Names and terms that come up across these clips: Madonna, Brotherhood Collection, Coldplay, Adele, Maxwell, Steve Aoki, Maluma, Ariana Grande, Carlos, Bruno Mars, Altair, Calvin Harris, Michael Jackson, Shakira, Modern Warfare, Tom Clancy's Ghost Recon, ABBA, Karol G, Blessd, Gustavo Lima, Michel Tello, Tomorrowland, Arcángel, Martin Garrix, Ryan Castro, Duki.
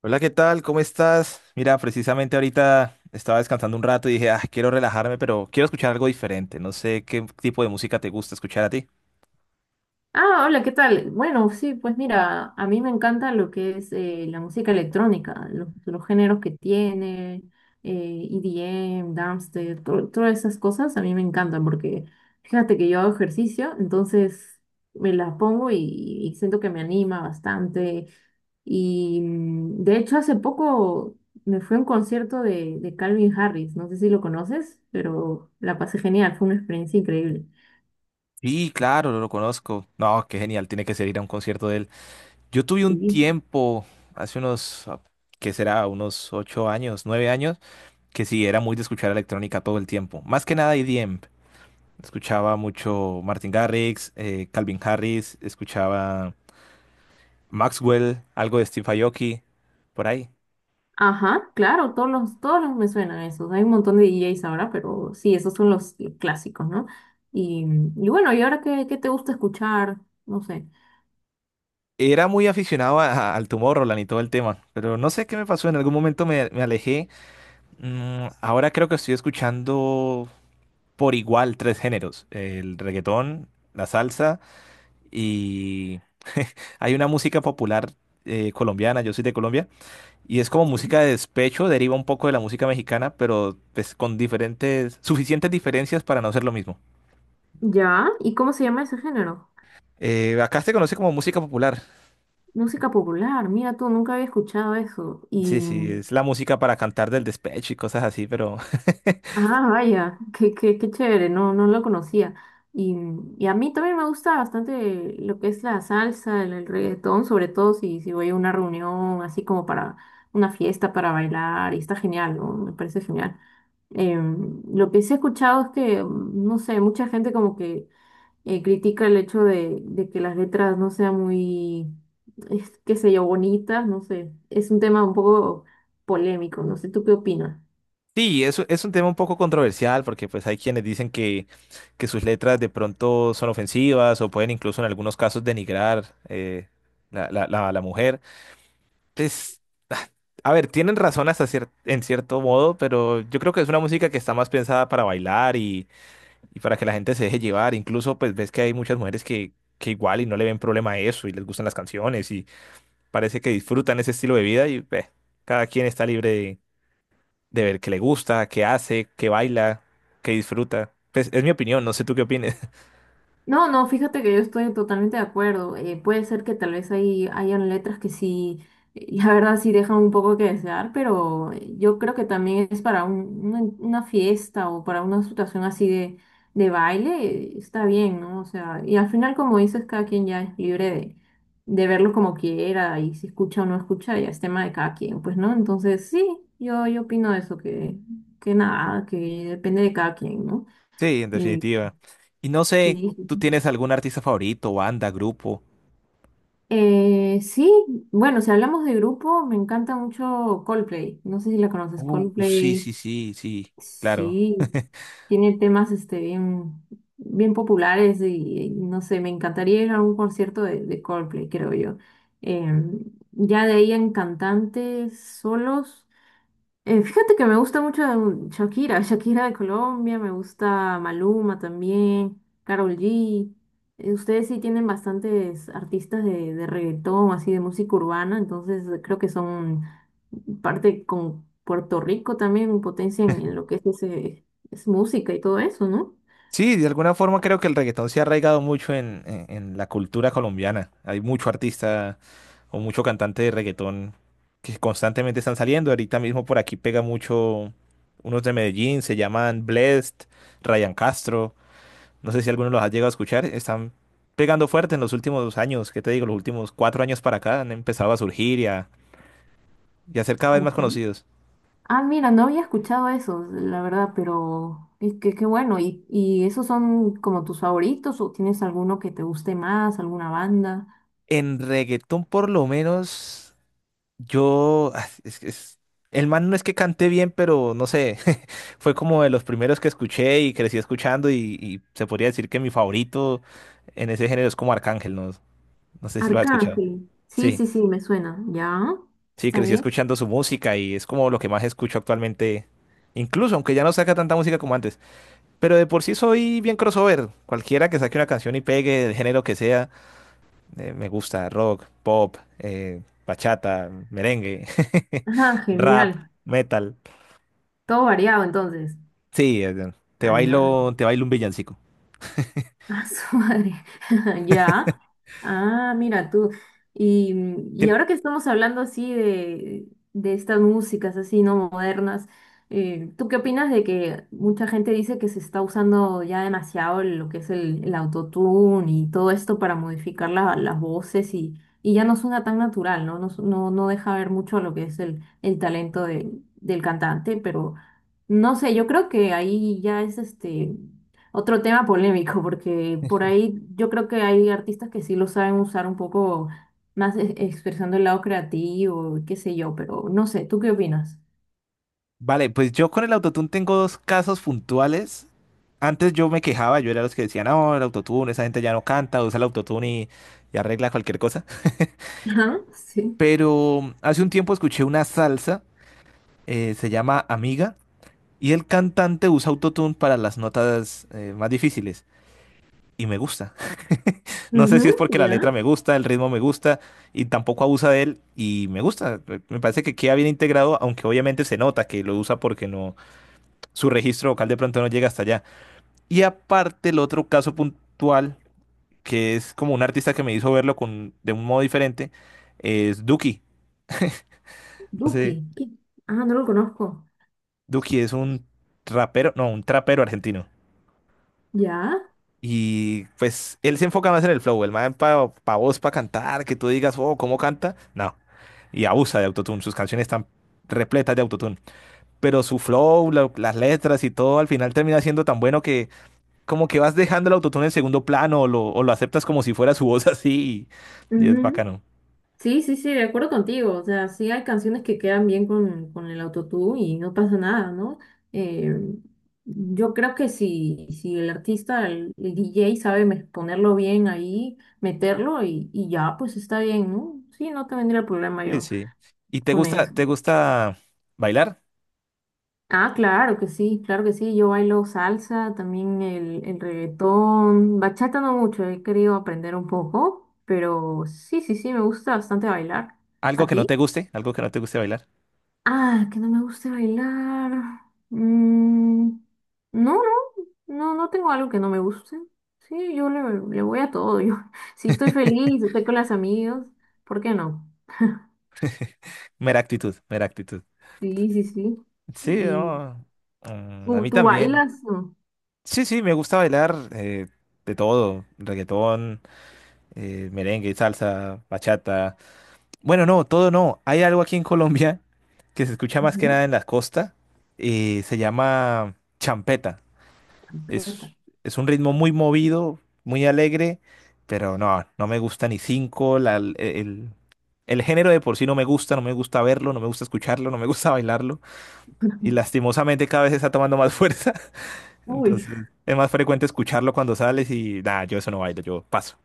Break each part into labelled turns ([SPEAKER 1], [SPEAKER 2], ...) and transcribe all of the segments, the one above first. [SPEAKER 1] Hola, ¿qué tal? ¿Cómo estás? Mira, precisamente ahorita estaba descansando un rato y dije, ah, quiero relajarme, pero quiero escuchar algo diferente. No sé qué tipo de música te gusta escuchar a ti.
[SPEAKER 2] Hola, ¿qué tal? Bueno, sí, pues mira, a mí me encanta lo que es la música electrónica, los géneros que tiene, EDM, dubstep, todas esas cosas a mí me encantan porque fíjate que yo hago ejercicio, entonces me las pongo y siento que me anima bastante. Y de hecho hace poco me fui a un concierto de Calvin Harris, no sé si lo conoces, pero la pasé genial, fue una experiencia increíble.
[SPEAKER 1] Sí, claro, lo conozco. No, qué genial, tiene que ser ir a un concierto de él. Yo tuve un
[SPEAKER 2] Sí.
[SPEAKER 1] tiempo, hace unos, ah, ¿qué será? Unos ocho años, nueve años, que sí, era muy de escuchar electrónica todo el tiempo. Más que nada EDM. Escuchaba mucho Martin Garrix, Calvin Harris, escuchaba Maxwell, algo de Steve Aoki, por ahí.
[SPEAKER 2] Ajá, claro, todos los me suenan esos. Hay un montón de DJs ahora, pero sí, esos son los clásicos, ¿no? Y, y bueno, ¿y ahora qué te gusta escuchar? No sé.
[SPEAKER 1] Era muy aficionado al Tomorrowland y todo el tema, pero no sé qué me pasó, en algún momento me alejé. Ahora creo que estoy escuchando por igual tres géneros, el reggaetón, la salsa y hay una música popular colombiana, yo soy de Colombia, y es como
[SPEAKER 2] Sí.
[SPEAKER 1] música de despecho, deriva un poco de la música mexicana, pero pues, con diferentes, suficientes diferencias para no ser lo mismo.
[SPEAKER 2] ¿Ya? ¿Y cómo se llama ese género?
[SPEAKER 1] Acá se conoce como música popular.
[SPEAKER 2] Música popular, mira tú, nunca había escuchado eso.
[SPEAKER 1] Sí,
[SPEAKER 2] Y
[SPEAKER 1] sí, es la música para cantar del despecho y cosas así, pero
[SPEAKER 2] ah, vaya, qué chévere, no lo conocía. Y, y a mí también me gusta bastante lo que es la salsa, el reggaetón, sobre todo si voy a una reunión así como para una fiesta, para bailar, y está genial, ¿no? Me parece genial. Lo que sí he escuchado es que, no sé, mucha gente como que critica el hecho de que las letras no sean muy, es, qué sé yo, bonitas, no sé, es un tema un poco polémico, no sé, ¿tú qué opinas?
[SPEAKER 1] sí, es un tema un poco controversial porque pues hay quienes dicen que sus letras de pronto son ofensivas o pueden incluso en algunos casos denigrar la mujer. Pues, ah, a ver, tienen razón hasta en cierto modo, pero yo creo que es una música que está más pensada para bailar y para que la gente se deje llevar. Incluso pues ves que hay muchas mujeres que igual y no le ven problema a eso y les gustan las canciones y parece que disfrutan ese estilo de vida y pues, cada quien está libre de ver qué le gusta, qué hace, qué baila, qué disfruta. Pues es mi opinión, no sé tú qué opines.
[SPEAKER 2] No, no, fíjate que yo estoy totalmente de acuerdo. Puede ser que tal vez ahí hayan letras que sí, la verdad sí dejan un poco que desear, pero yo creo que también es para una fiesta o para una situación así de baile, está bien, ¿no? O sea, y al final, como dices, cada quien ya es libre de verlo como quiera y si escucha o no escucha, ya es tema de cada quien, pues, ¿no? Entonces, sí, yo opino eso, que nada, que depende de cada quien, ¿no?
[SPEAKER 1] Sí, en
[SPEAKER 2] Y
[SPEAKER 1] definitiva. Y no sé,
[SPEAKER 2] sí.
[SPEAKER 1] ¿tú tienes algún artista favorito, banda, grupo?
[SPEAKER 2] Sí, bueno, si hablamos de grupo, me encanta mucho Coldplay. No sé si la conoces,
[SPEAKER 1] Sí, sí,
[SPEAKER 2] Coldplay.
[SPEAKER 1] sí, sí, claro.
[SPEAKER 2] Sí, tiene temas este, bien, bien populares y no sé, me encantaría ir a un concierto de Coldplay, creo yo. Em, ya de ahí en cantantes solos. Fíjate que me gusta mucho Shakira, Shakira de Colombia, me gusta Maluma también, Karol G. Ustedes sí tienen bastantes artistas de reggaetón, así de música urbana, entonces creo que son parte con Puerto Rico también, potencia en lo que es, ese, es música y todo eso, ¿no?
[SPEAKER 1] Sí, de alguna forma creo que el reggaetón se ha arraigado mucho en, en la cultura colombiana. Hay mucho artista o mucho cantante de reggaetón que constantemente están saliendo. Ahorita mismo por aquí pega mucho unos de Medellín, se llaman Blessd, Ryan Castro. No sé si alguno los ha llegado a escuchar. Están pegando fuerte en los últimos años, ¿qué te digo? Los últimos cuatro años para acá han empezado a surgir y a ser cada vez más
[SPEAKER 2] Ajá.
[SPEAKER 1] conocidos.
[SPEAKER 2] Ah, mira, no había escuchado eso, la verdad, pero es que qué bueno. Y esos son como tus favoritos o tienes alguno que te guste más, alguna banda?
[SPEAKER 1] En reggaetón, por lo menos, yo... ah, el man no es que cante bien, pero no sé, fue como de los primeros que escuché y crecí escuchando y se podría decir que mi favorito en ese género es como Arcángel, ¿no? No sé si lo has escuchado.
[SPEAKER 2] Arcángel. Sí,
[SPEAKER 1] Sí,
[SPEAKER 2] sí, sí, me suena. ¿Ya?
[SPEAKER 1] sí,
[SPEAKER 2] ¿Está
[SPEAKER 1] crecí
[SPEAKER 2] bien?
[SPEAKER 1] escuchando su música y es como lo que más escucho actualmente, incluso aunque ya no saca tanta música como antes. Pero de por sí soy bien crossover. Cualquiera que saque una canción y pegue del género que sea, me gusta rock, pop, bachata, merengue,
[SPEAKER 2] Ah,
[SPEAKER 1] rap,
[SPEAKER 2] genial.
[SPEAKER 1] metal.
[SPEAKER 2] Todo variado entonces.
[SPEAKER 1] Sí,
[SPEAKER 2] Ah, ya.
[SPEAKER 1] te bailo un villancico.
[SPEAKER 2] Ah, su madre. Ya. Ah, mira tú. Y, y
[SPEAKER 1] Tien-
[SPEAKER 2] ahora que estamos hablando así de estas músicas así, ¿no? Modernas, ¿tú qué opinas de que mucha gente dice que se está usando ya demasiado lo que es el autotune y todo esto para modificar las voces y ya no suena tan natural, ¿no? No, no, no deja ver mucho lo que es el talento del cantante, pero no sé, yo creo que ahí ya es este. Otro tema polémico, porque por ahí yo creo que hay artistas que sí lo saben usar un poco más expresando el lado creativo, qué sé yo, pero no sé, ¿tú qué opinas?
[SPEAKER 1] Vale, pues yo con el autotune tengo dos casos puntuales. Antes yo me quejaba, yo era los que decían, no, el autotune, esa gente ya no canta, usa el autotune y arregla cualquier cosa.
[SPEAKER 2] Ajá, sí.
[SPEAKER 1] Pero hace un tiempo escuché una salsa, se llama Amiga. Y el cantante usa autotune para las notas más difíciles. Y me gusta. No sé
[SPEAKER 2] Ujú,
[SPEAKER 1] si es porque la
[SPEAKER 2] ya.
[SPEAKER 1] letra me gusta, el ritmo me gusta, y tampoco abusa de él, y me gusta. Me parece que queda bien integrado, aunque obviamente se nota que lo usa porque no, su registro vocal de pronto no llega hasta allá. Y aparte, el otro caso puntual, que es como un artista que me hizo verlo con, de un modo diferente, es Duki. No sé,
[SPEAKER 2] Duki. ¿Qué? Ah, no lo conozco.
[SPEAKER 1] Duki es un rapero, no, un trapero argentino.
[SPEAKER 2] Ya.
[SPEAKER 1] Y pues él se enfoca más en el flow, el man para pa pa voz, para cantar, que tú digas, oh, ¿cómo canta? No. Y abusa de autotune, sus canciones están repletas de autotune. Pero su flow, las letras y todo, al final termina siendo tan bueno que como que vas dejando el autotune en segundo plano o lo aceptas como si fuera su voz así. Y es bacano.
[SPEAKER 2] Sí, sí, sí, de acuerdo contigo. O sea, sí hay canciones que quedan bien con el autotune y no pasa nada, ¿no? Eh, yo creo que si, si el artista, el DJ sabe ponerlo bien ahí, meterlo y ya, pues está bien, ¿no? Sí, no te vendría problema
[SPEAKER 1] Sí,
[SPEAKER 2] yo
[SPEAKER 1] sí. ¿Y
[SPEAKER 2] con eso.
[SPEAKER 1] te gusta bailar?
[SPEAKER 2] Ah, claro que sí, claro que sí. Yo bailo salsa, también el reggaetón, bachata no mucho, he querido aprender un poco, pero sí, sí, sí, me gusta bastante bailar.
[SPEAKER 1] ¿Algo
[SPEAKER 2] ¿A
[SPEAKER 1] que no
[SPEAKER 2] ti?
[SPEAKER 1] te guste? ¿Algo que no te guste bailar?
[SPEAKER 2] Ah, que no me guste bailar. Mm, no, no, no, no tengo algo que no me guste. Sí, le voy a todo. Yo, si estoy feliz, estoy con las amigas, ¿por qué no?
[SPEAKER 1] Mera actitud, mera actitud.
[SPEAKER 2] Sí, sí, sí.
[SPEAKER 1] Sí,
[SPEAKER 2] ¿Y
[SPEAKER 1] no. A mí
[SPEAKER 2] tú
[SPEAKER 1] también.
[SPEAKER 2] bailas? No.
[SPEAKER 1] Sí, sí, me gusta bailar de todo, reggaetón, merengue, salsa, bachata. Bueno, no, todo no. Hay algo aquí en Colombia que se escucha más que
[SPEAKER 2] Ujú.
[SPEAKER 1] nada en las costas, se llama champeta.
[SPEAKER 2] Ahí
[SPEAKER 1] Es,
[SPEAKER 2] está.
[SPEAKER 1] es un ritmo muy movido, muy alegre, pero no, no me gusta ni cinco. El género de por sí no me gusta, no me gusta verlo, no me gusta escucharlo, no me gusta bailarlo. Y lastimosamente cada vez está tomando más fuerza.
[SPEAKER 2] Uy.
[SPEAKER 1] Entonces, es más frecuente escucharlo cuando sales y nada, yo eso no bailo, yo paso.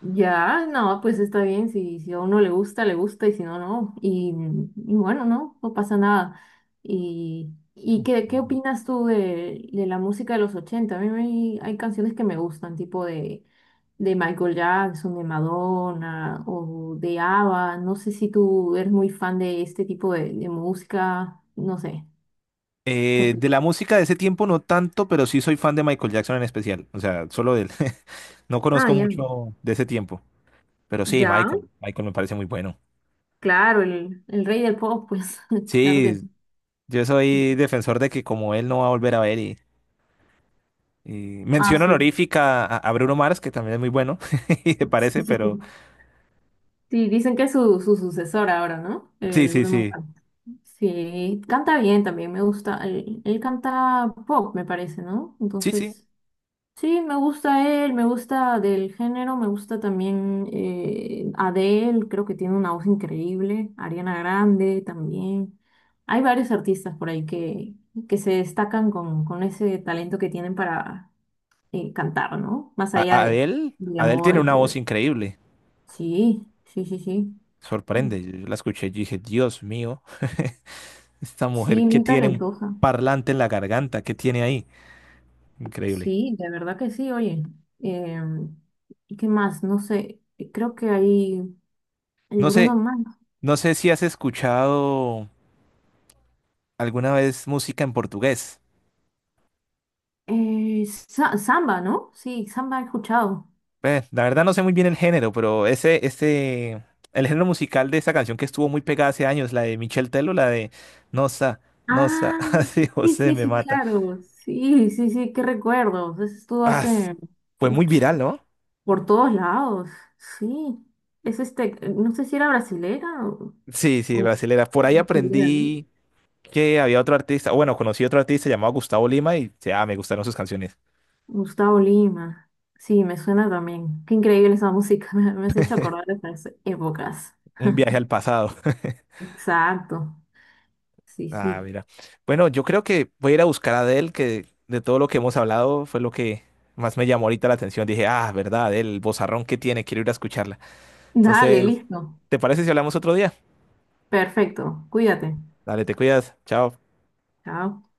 [SPEAKER 2] Ya, no, pues está bien, si, si a uno le gusta, y si no, no. Y bueno, no, no pasa nada. Y qué opinas tú de la música de los ochenta? A mí hay canciones que me gustan, tipo de Michael Jackson, de Madonna o de ABBA. No sé si tú eres muy fan de este tipo de música, no sé, ¿qué
[SPEAKER 1] De
[SPEAKER 2] opinas?
[SPEAKER 1] la música de ese tiempo no tanto, pero sí soy fan de Michael Jackson en especial. O sea, solo de él. No
[SPEAKER 2] Ah,
[SPEAKER 1] conozco
[SPEAKER 2] ya.
[SPEAKER 1] mucho de ese tiempo, pero sí,
[SPEAKER 2] Ya,
[SPEAKER 1] Michael. Michael me parece muy bueno.
[SPEAKER 2] claro, el rey del pop, pues, claro que
[SPEAKER 1] Sí,
[SPEAKER 2] sí.
[SPEAKER 1] yo soy defensor de que como él no va a volver a ver y
[SPEAKER 2] Ah,
[SPEAKER 1] mención
[SPEAKER 2] sí.
[SPEAKER 1] honorífica a Bruno Mars, que también es muy bueno, y me parece, pero
[SPEAKER 2] Sí, dicen que es su, su sucesor ahora, ¿no?
[SPEAKER 1] sí,
[SPEAKER 2] El
[SPEAKER 1] sí,
[SPEAKER 2] Bruno
[SPEAKER 1] sí.
[SPEAKER 2] Mars. Sí, canta bien también, me gusta. Él canta pop, me parece, ¿no?
[SPEAKER 1] Sí, sí.
[SPEAKER 2] Entonces, sí, me gusta él, me gusta del género, me gusta también Adele, creo que tiene una voz increíble, Ariana Grande también. Hay varios artistas por ahí que se destacan con ese talento que tienen para cantar, ¿no? Más allá
[SPEAKER 1] A Adele,
[SPEAKER 2] de la
[SPEAKER 1] Adele
[SPEAKER 2] moda
[SPEAKER 1] tiene
[SPEAKER 2] y
[SPEAKER 1] una
[SPEAKER 2] todo eso.
[SPEAKER 1] voz increíble.
[SPEAKER 2] Sí, sí, sí, sí.
[SPEAKER 1] Sorprende. Yo la escuché y dije, Dios mío. Esta mujer
[SPEAKER 2] Sí,
[SPEAKER 1] que
[SPEAKER 2] muy
[SPEAKER 1] tiene un
[SPEAKER 2] talentosa.
[SPEAKER 1] parlante en la garganta, ¿qué tiene ahí? Increíble.
[SPEAKER 2] Sí, de verdad que sí, oye. Em, ¿Qué más? No sé, creo que hay el
[SPEAKER 1] No
[SPEAKER 2] Bruno
[SPEAKER 1] sé,
[SPEAKER 2] Mars.
[SPEAKER 1] no sé si has escuchado alguna vez música en portugués.
[SPEAKER 2] Samba, ¿no? Sí, Samba he escuchado.
[SPEAKER 1] La verdad no sé muy bien el género, pero ese, este, el género musical de esa canción que estuvo muy pegada hace años, la de Michel Tello, la de Nossa, Nossa,
[SPEAKER 2] Ah,
[SPEAKER 1] así
[SPEAKER 2] sí,
[SPEAKER 1] José
[SPEAKER 2] sí,
[SPEAKER 1] me
[SPEAKER 2] sí,
[SPEAKER 1] mata.
[SPEAKER 2] claro. Sí, sí, sí, qué recuerdos. Eso estuvo
[SPEAKER 1] Ah,
[SPEAKER 2] hace,
[SPEAKER 1] fue muy
[SPEAKER 2] uch,
[SPEAKER 1] viral, ¿no?
[SPEAKER 2] por todos lados. Sí. Es este, no sé si era brasilera
[SPEAKER 1] Sí, sí,
[SPEAKER 2] o-
[SPEAKER 1] brasilera. Por ahí
[SPEAKER 2] brasileña, ¿no?
[SPEAKER 1] aprendí que había otro artista, o bueno, conocí otro artista llamado Gustavo Lima y ah, me gustaron sus canciones.
[SPEAKER 2] Gustavo Lima. Sí, me suena también. Qué increíble esa música. Me has hecho acordar de esas épocas.
[SPEAKER 1] Un viaje al pasado.
[SPEAKER 2] Exacto. Sí,
[SPEAKER 1] Ah,
[SPEAKER 2] sí.
[SPEAKER 1] mira. Bueno, yo creo que voy a ir a buscar a Adele, que de todo lo que hemos hablado fue lo que más me llamó ahorita la atención. Dije, ah, verdad, Adele, el vozarrón que tiene, quiero ir a escucharla.
[SPEAKER 2] Dale,
[SPEAKER 1] Entonces,
[SPEAKER 2] listo.
[SPEAKER 1] ¿te parece si hablamos otro día?
[SPEAKER 2] Perfecto. Cuídate.
[SPEAKER 1] Dale, te cuidas. Chao.
[SPEAKER 2] Chao.